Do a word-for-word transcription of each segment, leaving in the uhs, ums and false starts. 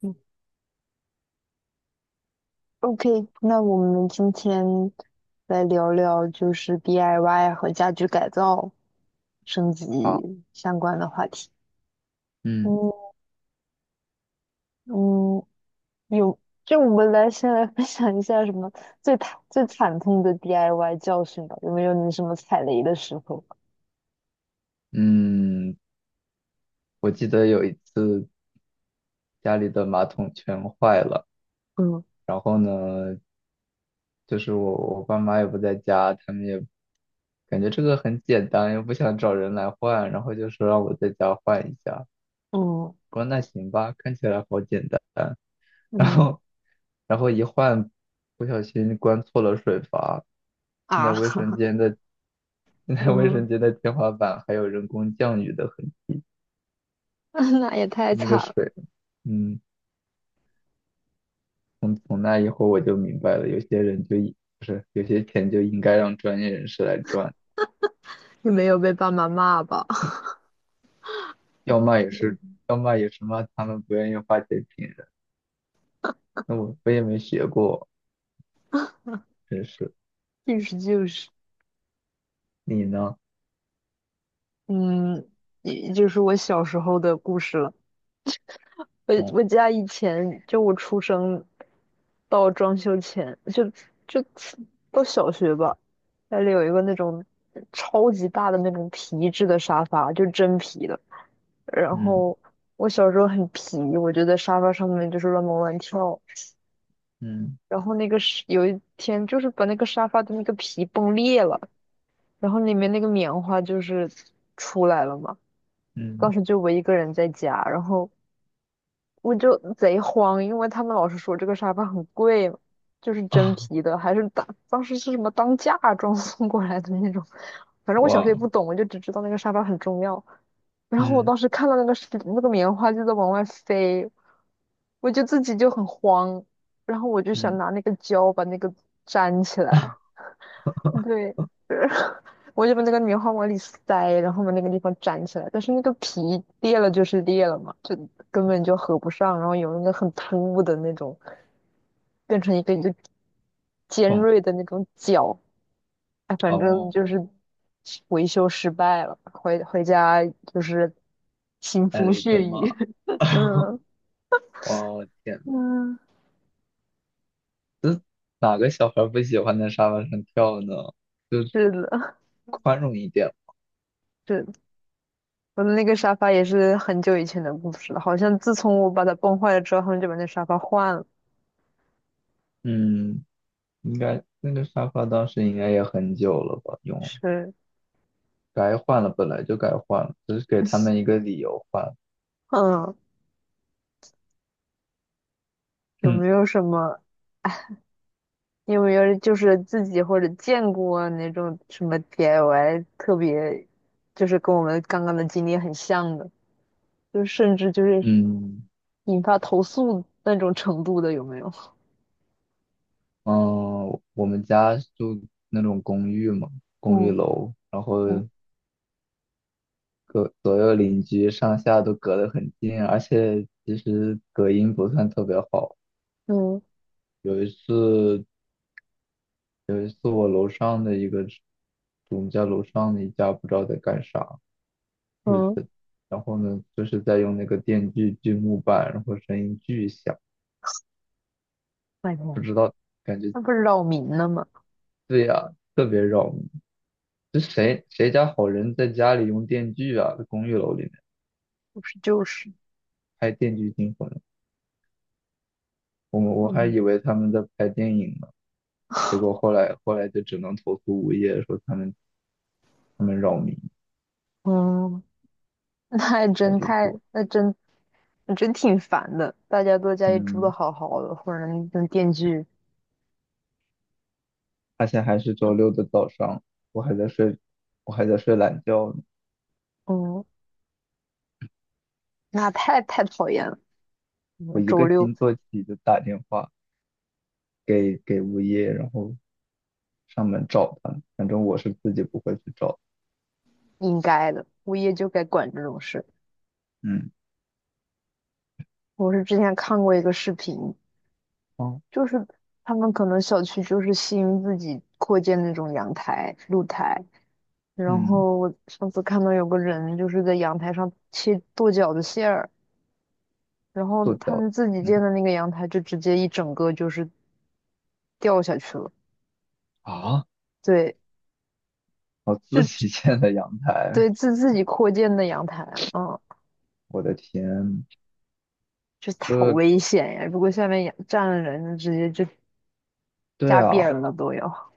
嗯， OK，那我们今天来聊聊就是 D I Y 和家居改造升好，级相关的话题。嗯。嗯嗯，有，就我们来先来分享一下什么最惨最惨痛的 D I Y 教训吧。有没有你什么踩雷的时候？嗯，我记得有一次家里的马桶全坏了，嗯就是我我爸妈也不在家，他们也感觉这个很简单，又不想找人来换，然后就说让我在家换一下。嗯我说那行吧，看起来好简单。然嗯，后然后一换，不小心关错了水阀，现在啊，卫生间的现 在卫嗯，生间的天花板还有人工降雨的痕，那也太那惨个了。水，嗯。从从那以后我就明白了，有些人就一不是有些钱就应该让专业人士来赚，你没有被爸妈骂吧？要骂也是要骂也是骂他们不愿意花钱请人。那我我也没学过，真是。就是就是。你呢？嗯，也就是我小时候的故事了。我哦，我家以前，就我出生到装修前，就就到小学吧，家里有一个那种超级大的那种皮质的沙发，就真皮的。然嗯。后我小时候很皮，我就在沙发上面就是乱蹦乱跳。嗯。然后那个是有一天就是把那个沙发的那个皮崩裂了，然后里面那个棉花就是出来了嘛。当嗯。时就我一个人在家。然后我就贼慌，因为他们老是说这个沙发很贵嘛，就是真啊，皮的，还是当当时是什么当嫁妆送过来的那种。反正 我小时候也哇，不懂，我就只知道那个沙发很重要。然后我嗯。当时看到那个是那个棉花就在往外飞，我就自己就很慌，然后我就想嗯，拿那个胶把那个粘起来。对，我就把那个棉花往里塞，然后把那个地方粘起来，但是那个皮裂了就是裂了嘛，就根本就合不上，然后有那个很突兀的那种，变成一个一个尖蹦。锐的那种角。哎，反正哦，就是维修失败了，回回家就是腥挨风了一血顿骂。雨。嗯哇哦，天嗯，哪！哪个小孩不喜欢在沙发上跳呢？就是的，宽容一点。是的。我的那个沙发也是很久以前的故事了，好像自从我把它崩坏了之后，他们就把那沙发换了。嗯。应该那个沙发当时应该也很久了吧？用是。该换了，本来就该换了，只是给他们一个理由换。嗯，有嗯。没有什么？你有没有就是自己或者见过那种什么 D I Y 特别，就是跟我们刚刚的经历很像的，就甚至就是嗯引发投诉那种程度的，有没有？嗯，我们家住那种公寓嘛，公寓嗯楼，然后嗯隔左右邻居上下都隔得很近啊，而且其实隔音不算特别好。嗯有一次，有一次我楼上的一个，我们家楼上的一家不知道在干啥。是嗯，的，然后呢，就是在用那个电锯锯木板，然后声音巨响，白不天。知道，感觉那不是扰民了吗？对呀、特别扰民。这谁谁家好人在家里用电锯啊？在公寓楼里面不是就是。拍《电锯惊魂》，我们我还嗯以为他们在拍电影呢，结果后来后来就只能投诉物业说他们他们扰民，嗯，那还太真离太，谱。那真那真挺烦的。大家都在家里住的嗯，好好的，或者那电锯。而且还是周六的早上，我还在睡，我还在睡懒觉呢。嗯，那太太讨厌了。我嗯，一周个六。惊坐起就打电话给给物业，然后上门找他，反正我是自己不会去找。应该的，物业就该管这种事。嗯。我是之前看过一个视频，哦。就是他们可能小区就是新自己扩建那种阳台、露台，然嗯，后我上次看到有个人就是在阳台上切剁饺子馅儿，然后做他脚，们自己建嗯，的那个阳台就直接一整个就是掉下去了。啊，对，我自己就建的阳台，对，自自己扩建的阳台。嗯，我的天，就是好这危险呀！如果下面养站了人，直接就对扎啊，扁了都要。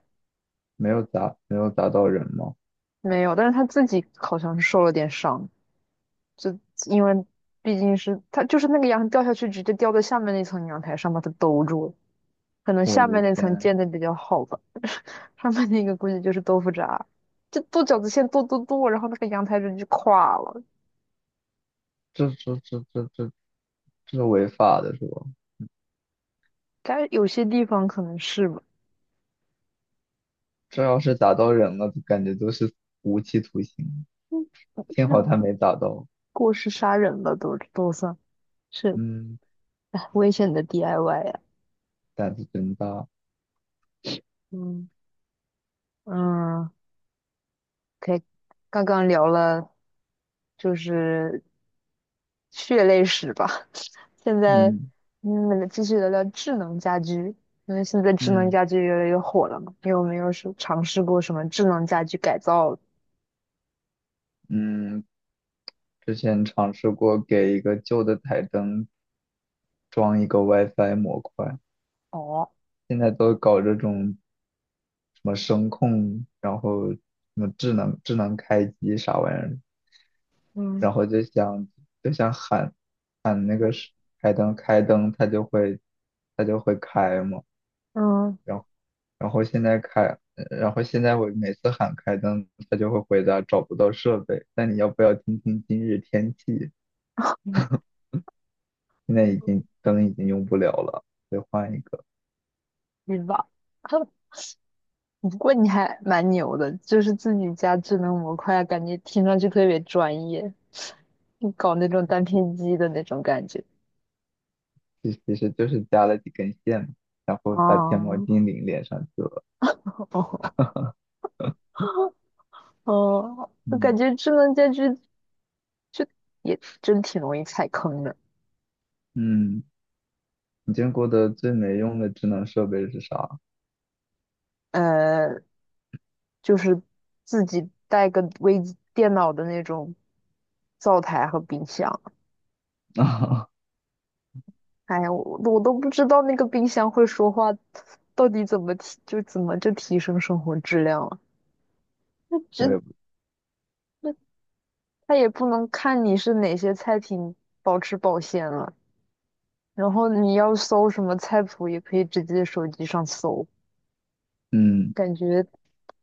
没有砸没有砸到人吗？没有，但是他自己好像是受了点伤，就因为毕竟是他就是那个羊掉下去，直接掉在下面那层阳台上，把它兜住了。可能我下的面那层天，建的比较好吧，上面那个估计就是豆腐渣，就剁饺子馅剁剁剁，然后那个阳台人就垮了。这这这这这这违法的是吧？但是有些地方可能是吧。这要是砸到人了，感觉都是无期徒刑。嗯，我不知幸好道，他没砸到，过失杀人了都都算是。嗯，哎，危险的 D I Y 呀。胆子真大，嗯嗯，可以。刚刚聊了就是血泪史吧。现在，嗯。嗯，我们继续聊聊智能家居，因为现在智能嗯。家居越来越火了嘛。你有没有是尝试过什么智能家居改造？嗯，之前尝试过给一个旧的台灯装一个 WiFi 模块。哦，现在都搞这种什么声控，然后什么智能智能开机啥玩意儿，嗯然后就想就想喊喊那个是开灯开灯，它就会它就会开嘛。嗯，然后然后现在开，呃然后现在我每次喊开灯，它就会回答找不到设备。那你要不要听听今日天气？嗯，现在已经灯已经用不了了，得换一个。是吧？不过你还蛮牛的，就是自己家智能模块啊，感觉听上去特别专业，你搞那种单片机的那种感觉。其其实就是加了几根线嘛，然后把天猫哦精灵连上去了。哦 哦，我感嗯。觉智能家居就也真挺容易踩坑的。嗯，你见过的最没用的智能设备是啥？呃，就是自己带个微机电脑的那种灶台和冰箱。哎呀，我我都不知道那个冰箱会说话，到底怎么提，就怎么就提升生活质量了？那我这也不，那它也不能看你是哪些菜品保持保鲜了，然后你要搜什么菜谱，也可以直接手机上搜。嗯，感觉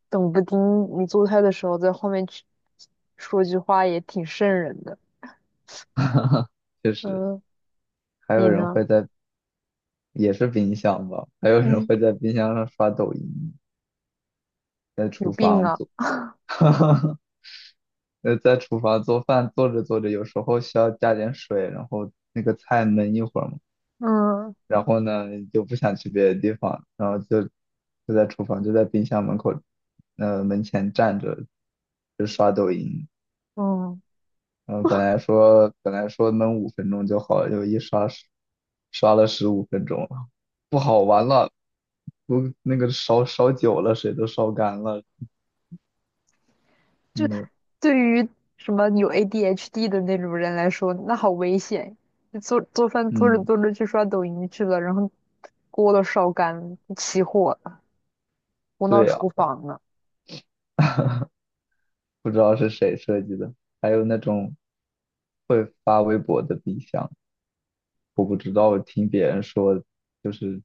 等不丁你做菜的时候，在后面去说句话也挺瘆人的。确实，嗯，还你有人呢？会在，也是冰箱吧，还有人嗯，会在冰箱上刷抖音，在有厨病房啊！做，呃，在厨房做饭，做着做着，有时候需要加点水，然后那个菜焖一会儿嘛，嗯然后呢就不想去别的地方，然后就就在厨房就在冰箱门口，呃门前站着就刷抖音，嗯，然后本来说本来说能五分钟就好了，就一刷十刷了十五分钟了，不好玩了，我那个烧烧久了，水都烧干了，就那个对于什么有 A D H D 的那种人来说，那好危险。就做做饭做着嗯，做着去刷抖音去了，然后锅都烧干了，起火了，冲到对呀、厨房了。不知道是谁设计的，还有那种会发微博的冰箱。我不知道，我听别人说，就是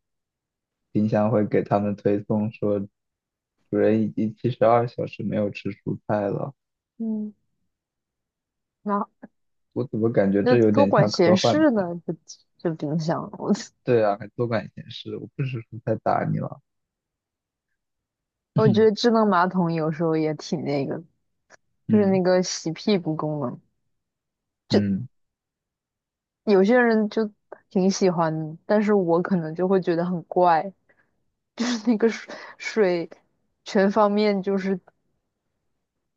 冰箱会给他们推送说，主人已经七十二小时没有吃蔬菜了。嗯，那我怎么感觉那这有多点管像闲科幻事片？呢，就这冰箱。我对啊，还多管闲事，我不吃蔬菜打你了。我觉得 智能马桶有时候也挺那个，就是那嗯。个洗屁股功能，就嗯，有些人就挺喜欢，但是我可能就会觉得很怪。就是那个水水全方面就是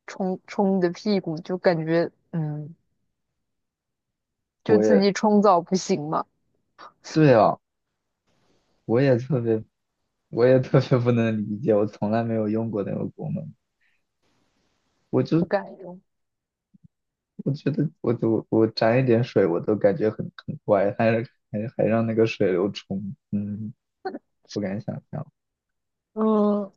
冲冲你的屁股，就感觉嗯，就我自也己冲澡不行嘛，对啊，我也特别，我也特别不能理解，我从来没有用过那个功能。我不就敢用。我觉得我我我沾一点水我都感觉很很怪，还还还让那个水流冲，嗯。不敢想象。嗯，